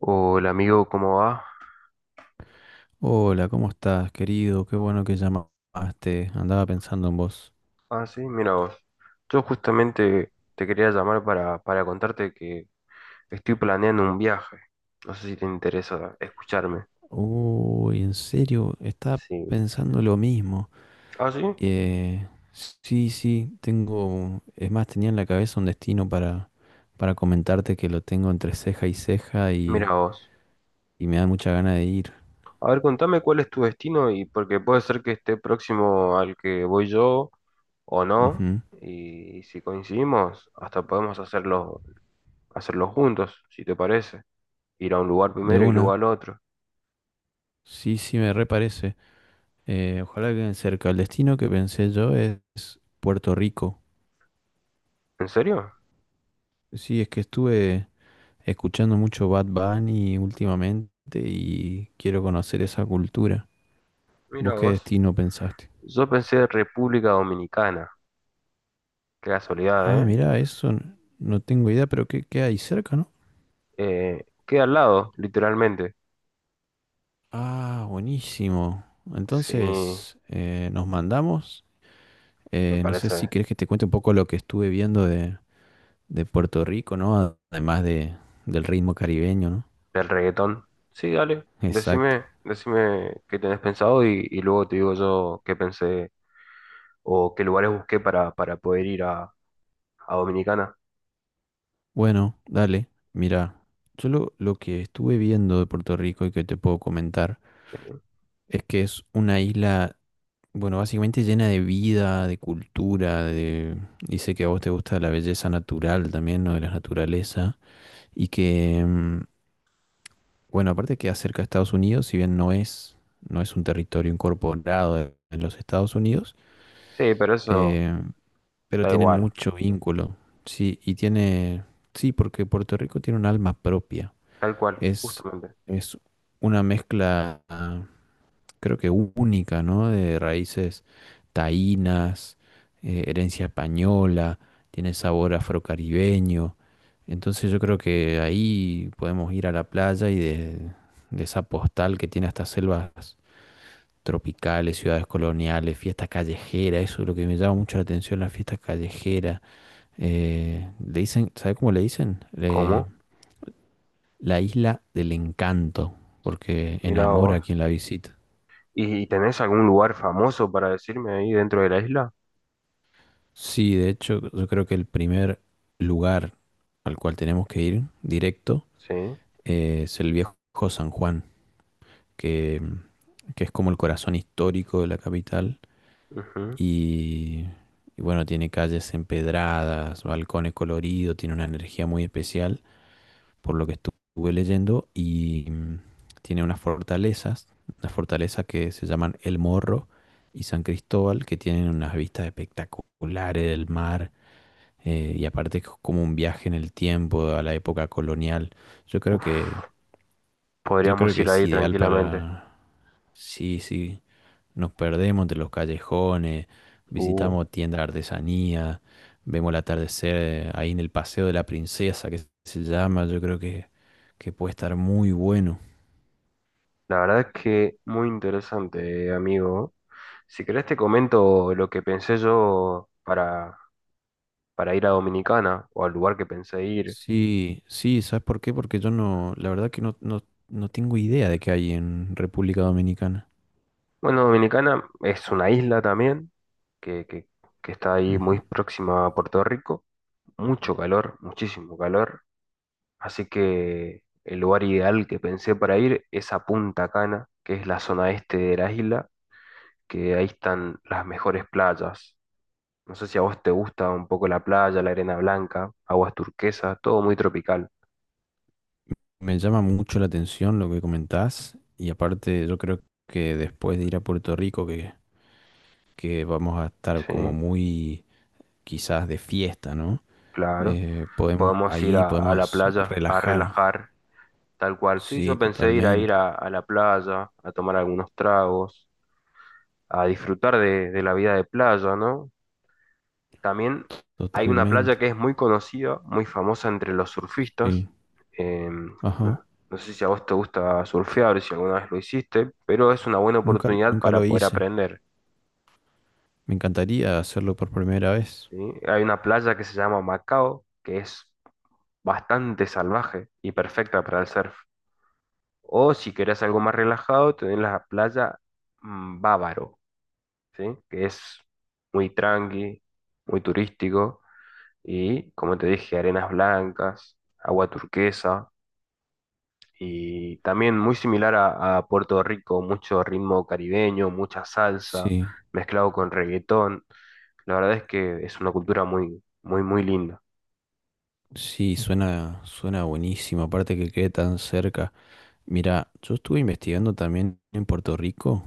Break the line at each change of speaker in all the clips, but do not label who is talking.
Hola amigo, ¿cómo va?
Hola, ¿cómo estás, querido? Qué bueno que llamaste. Andaba pensando en vos.
Ah, sí, mira vos. Yo justamente te quería llamar para contarte que estoy planeando un viaje. No sé si te interesa escucharme.
Uy, en serio, estaba
Sí.
pensando lo mismo.
Ah, sí,
Eh, sí, sí, tengo... Es más, tenía en la cabeza un destino para comentarte que lo tengo entre ceja y ceja y,
mira vos.
y me da mucha gana de ir.
A ver, contame cuál es tu destino y porque puede ser que esté próximo al que voy yo o no.
Ujú.
Y si coincidimos, hasta podemos hacerlo juntos, si te parece. Ir a un lugar
De
primero y luego
una.
al otro.
Sí, sí, me reparece. Ojalá que cerca. El destino que pensé yo es Puerto Rico.
¿En serio?
Sí, es que estuve... escuchando mucho Bad Bunny últimamente y quiero conocer esa cultura.
Mira
¿Vos qué
vos.
destino pensaste?
Yo pensé República Dominicana. Qué casualidad,
Ah,
¿eh?
mirá, eso no tengo idea, pero ¿qué hay cerca, no?
Queda al lado, literalmente.
Ah, buenísimo.
Sí,
Entonces, nos mandamos.
me
No sé si
parece.
querés que te cuente un poco lo que estuve viendo de Puerto Rico, ¿no? Además del ritmo caribeño, ¿no?
Del reggaetón. Sí, dale.
Exacto.
Decime qué tenés pensado y luego te digo yo qué pensé o qué lugares busqué para poder ir a Dominicana.
Bueno, dale, mira, lo que estuve viendo de Puerto Rico y que te puedo comentar
Eh,
es que es una isla, bueno, básicamente llena de vida, de cultura, de... Y sé que a vos te gusta la belleza natural también, ¿no? De la naturaleza. Y que, bueno, aparte que acerca a Estados Unidos, si bien no es un territorio incorporado en los Estados Unidos,
Sí, pero eso
eh, pero
da
tienen
igual.
mucho vínculo. Sí, y tiene... Sí, porque Puerto Rico tiene un alma propia.
Tal cual,
Es,
justamente.
es una mezcla... creo que única, ¿no? De raíces taínas, herencia española, tiene sabor afrocaribeño. Entonces yo creo que ahí podemos ir a la playa y de esa postal que tiene estas selvas tropicales, ciudades coloniales, fiestas callejeras, eso es lo que me llama mucho la atención, las fiestas callejeras. Le dicen, ¿sabe cómo le dicen?
¿Cómo?
La isla del encanto, porque
Mira
enamora a quien
vos.
la visita.
Y tenés algún lugar famoso para decirme ahí dentro de la isla?
Sí, de hecho, yo creo que el primer lugar al cual tenemos que ir directo
Sí.
es el viejo San Juan, que, que es como el corazón histórico de la capital.
Ujú.
Y, y bueno, tiene calles empedradas, balcones coloridos, tiene una energía muy especial, por lo que estuve leyendo, y tiene unas fortalezas que se llaman El Morro y San Cristóbal, que tienen unas vistas espectaculares del mar. Y aparte es como un viaje en el tiempo a la época colonial. Yo creo que,
Uf,
yo creo
podríamos
que
ir
es
ahí
ideal
tranquilamente.
para, sí, sí, nos perdemos de los callejones,
Uh.
visitamos tiendas de artesanía, vemos el atardecer ahí en el Paseo de la Princesa, que se llama, que puede estar muy bueno.
La verdad es que muy interesante, amigo. Si querés te comento lo que pensé yo para ir a Dominicana o al lugar que pensé ir.
Sí, sí, ¿sabes por qué? Porque yo no, la verdad que no tengo idea de qué hay en República Dominicana.
Bueno, Dominicana es una isla también que, que, que está ahí muy
Ujú.
próxima a Puerto Rico. Mucho calor, muchísimo calor. Así que el lugar ideal que pensé para ir es a Punta Cana, que es la zona este de la isla, que ahí están las mejores playas. No sé si a vos te gusta un poco la playa, la arena blanca, aguas turquesas, todo muy tropical.
Me llama mucho la atención lo que comentás y aparte yo creo que después de ir a Puerto Rico que vamos a estar
Sí,
como muy quizás de fiesta, ¿no?
claro. Podemos ir
Ahí
a la
podemos
playa a
relajar,
relajar, tal cual. Sí, yo
sí,
pensé ir a ir
totalmente,
a la playa, a tomar algunos tragos, a disfrutar de la vida de playa, ¿no? También hay una playa
totalmente,
que es muy conocida, muy famosa entre los surfistas.
sí,
Eh,
ajá,
no, no sé si a vos te gusta surfear, si alguna vez lo hiciste, pero es una buena
nunca,
oportunidad
nunca
para
lo
poder
hice,
aprender.
me encantaría hacerlo por primera vez,
¿Sí? Hay una playa que se llama Macao, que es bastante salvaje y perfecta para el surf. O si querés algo más relajado, tenés la playa Bávaro, ¿sí? Que es muy tranqui, muy turístico y, como te dije, arenas blancas, agua turquesa y también muy similar a Puerto Rico, mucho ritmo caribeño, mucha salsa
sí,
mezclado con reggaetón. La verdad es que es una cultura muy, muy, muy linda,
sí, suena, suena buenísimo, aparte que quede tan cerca. Mira, yo estuve investigando también en Puerto Rico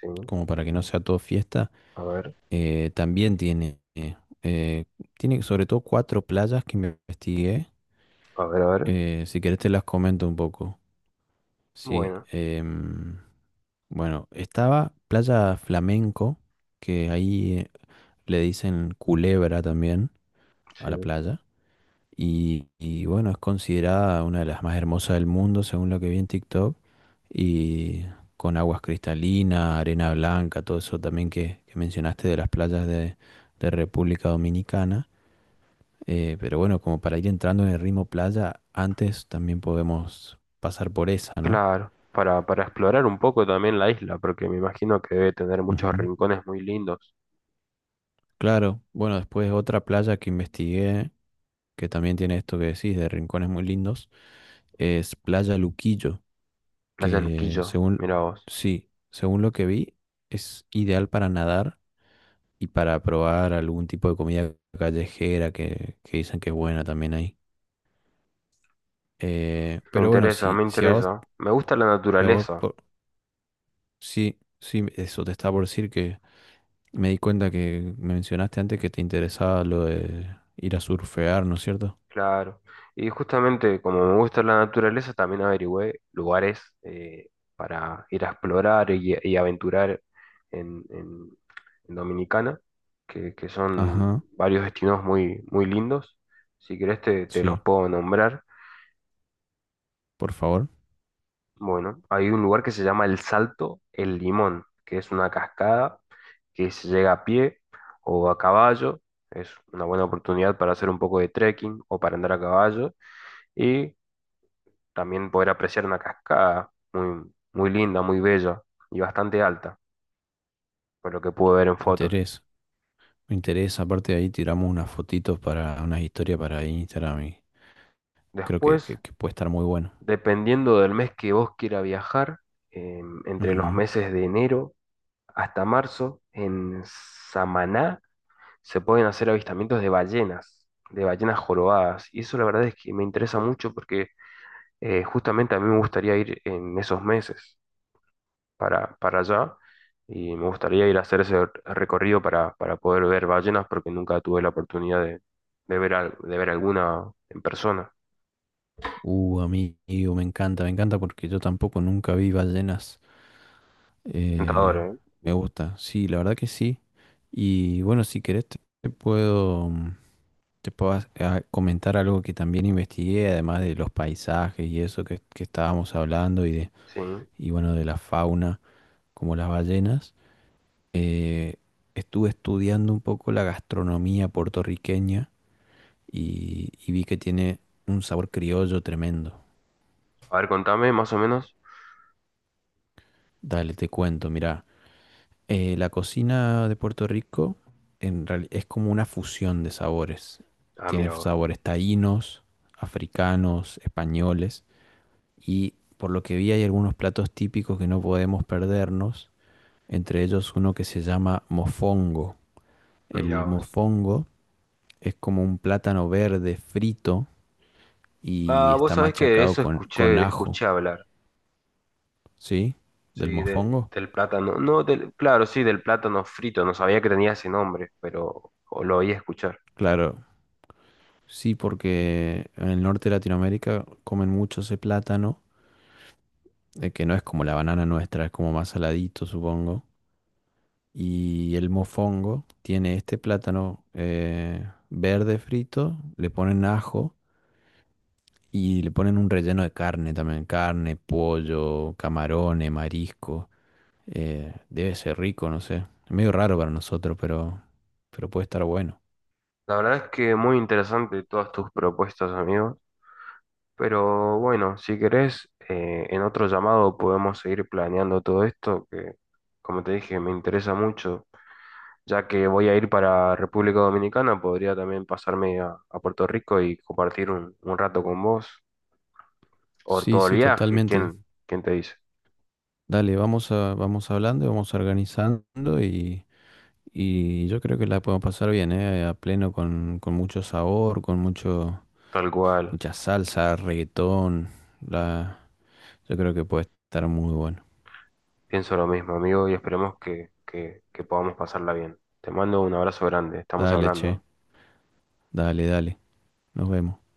¿sí?
como para que no sea todo fiesta,
A ver,
eh, también tiene, eh, tiene sobre todo cuatro playas que me investigué.
a ver, a ver.
Si querés te las comento un poco. Sí,
Bueno,
bueno, estaba Playa Flamenco, que ahí le dicen Culebra también a la
sí,
playa. Y bueno, es considerada una de las más hermosas del mundo, según lo que vi en TikTok. Y con aguas cristalinas, arena blanca, todo eso también que mencionaste de las playas de República Dominicana. Pero bueno, como para ir entrando en el ritmo playa, antes también podemos pasar por esa, ¿no?
claro, para explorar un poco también la isla, porque me imagino que debe tener muchos
Ujú.
rincones muy lindos.
Claro, bueno, después otra playa que investigué, que también tiene esto que decís, de rincones muy lindos, es Playa Luquillo.
Playa
Que
Luquillo,
según,
mira vos.
sí, según lo que vi, es ideal para nadar y para probar algún tipo de comida callejera que dicen que es buena también ahí.
Me
Pero bueno,
interesa,
si,
me
si a vos,
interesa. Me gusta la
si a vos
naturaleza,
por- sí, sí, eso te estaba por decir que me di cuenta que me mencionaste antes que te interesaba lo de ir a surfear, ¿no es cierto?
claro. Y justamente como me gusta la naturaleza, también averigüé lugares para ir a explorar y aventurar en, en- en Dominicana, que son
Ajá,
varios destinos muy, muy lindos. Si querés te los
sí,
puedo nombrar.
por favor,
Bueno, hay un lugar que se llama El Salto El Limón, que es una cascada que se llega a pie o a caballo. Es una buena oportunidad para hacer un poco de trekking o para andar a caballo y también poder apreciar una cascada muy, muy linda, muy bella y bastante alta, por lo que pude ver en
me
fotos.
interesa, me interesa, aparte de ahí tiramos unas fotitos para, unas historias para Instagram y creo
Después,
que puede estar muy bueno.
dependiendo del mes que vos quiera viajar, entre los
Ujú.
meses de enero hasta marzo, en Samaná se pueden hacer avistamientos de ballenas jorobadas. Y eso la verdad es que me interesa mucho porque justamente a mí me gustaría ir en esos meses para allá y me gustaría ir a hacer ese recorrido para poder ver ballenas porque nunca tuve la oportunidad de ver alguna en persona.
Amigo, me encanta porque yo tampoco nunca vi ballenas.
Es tentador,
Eh,
¿eh?
Me gusta, sí, la verdad que sí. Y bueno, si querés te puedo, comentar algo que también investigué, además de los paisajes y eso que estábamos hablando y de,
Sí.
y bueno, de la fauna como las ballenas. Eh, Estuve estudiando un poco la gastronomía puertorriqueña y vi que tiene un sabor criollo tremendo.
A ver, contame más o menos.
Dale, te cuento, mira, la cocina de Puerto Rico es como una fusión de sabores.
Ah,
Tiene
mira vos,
sabores taínos, africanos, españoles y por lo que vi hay algunos platos típicos que no podemos perdernos, entre ellos uno que se llama mofongo.
mira
El
vos.
mofongo es como un plátano verde frito y
Ah, vos
está
sabés que de
machacado
eso
con
escuché,
ajo,
escuché hablar.
¿sí? Del
Sí, de-
mofongo.
del plátano. No, del, claro, sí, del plátano frito. No sabía que tenía ese nombre, pero o lo oí escuchar.
Claro, sí, porque en el norte de Latinoamérica comen mucho ese plátano, que no es como la banana nuestra, es como más saladito, supongo. Y el mofongo tiene este plátano verde frito, le ponen ajo y le ponen un relleno de carne también, carne, pollo, camarones, marisco. Debe ser rico, no sé. Es medio raro para nosotros, pero puede estar bueno.
La verdad es que muy interesante todas tus propuestas, amigos. Pero bueno, si querés, en otro llamado podemos seguir planeando todo esto, que como te dije, me interesa mucho. Ya que voy a ir para República Dominicana, podría también pasarme a Puerto Rico y compartir un rato con vos. O
Sí,
todo el
sí,
viaje,
totalmente.
¿quién, quién te dice?
Dale, vamos hablando y vamos organizando y yo creo que la podemos pasar bien, ¿eh? A pleno con mucho sabor, con mucho,
Tal cual.
mucha salsa, reggaetón. La, yo creo que puede estar muy bueno.
Pienso lo mismo, amigo, y esperemos que podamos pasarla bien. Te mando un abrazo grande, estamos
Dale, che,
hablando.
dale, dale. Nos vemos.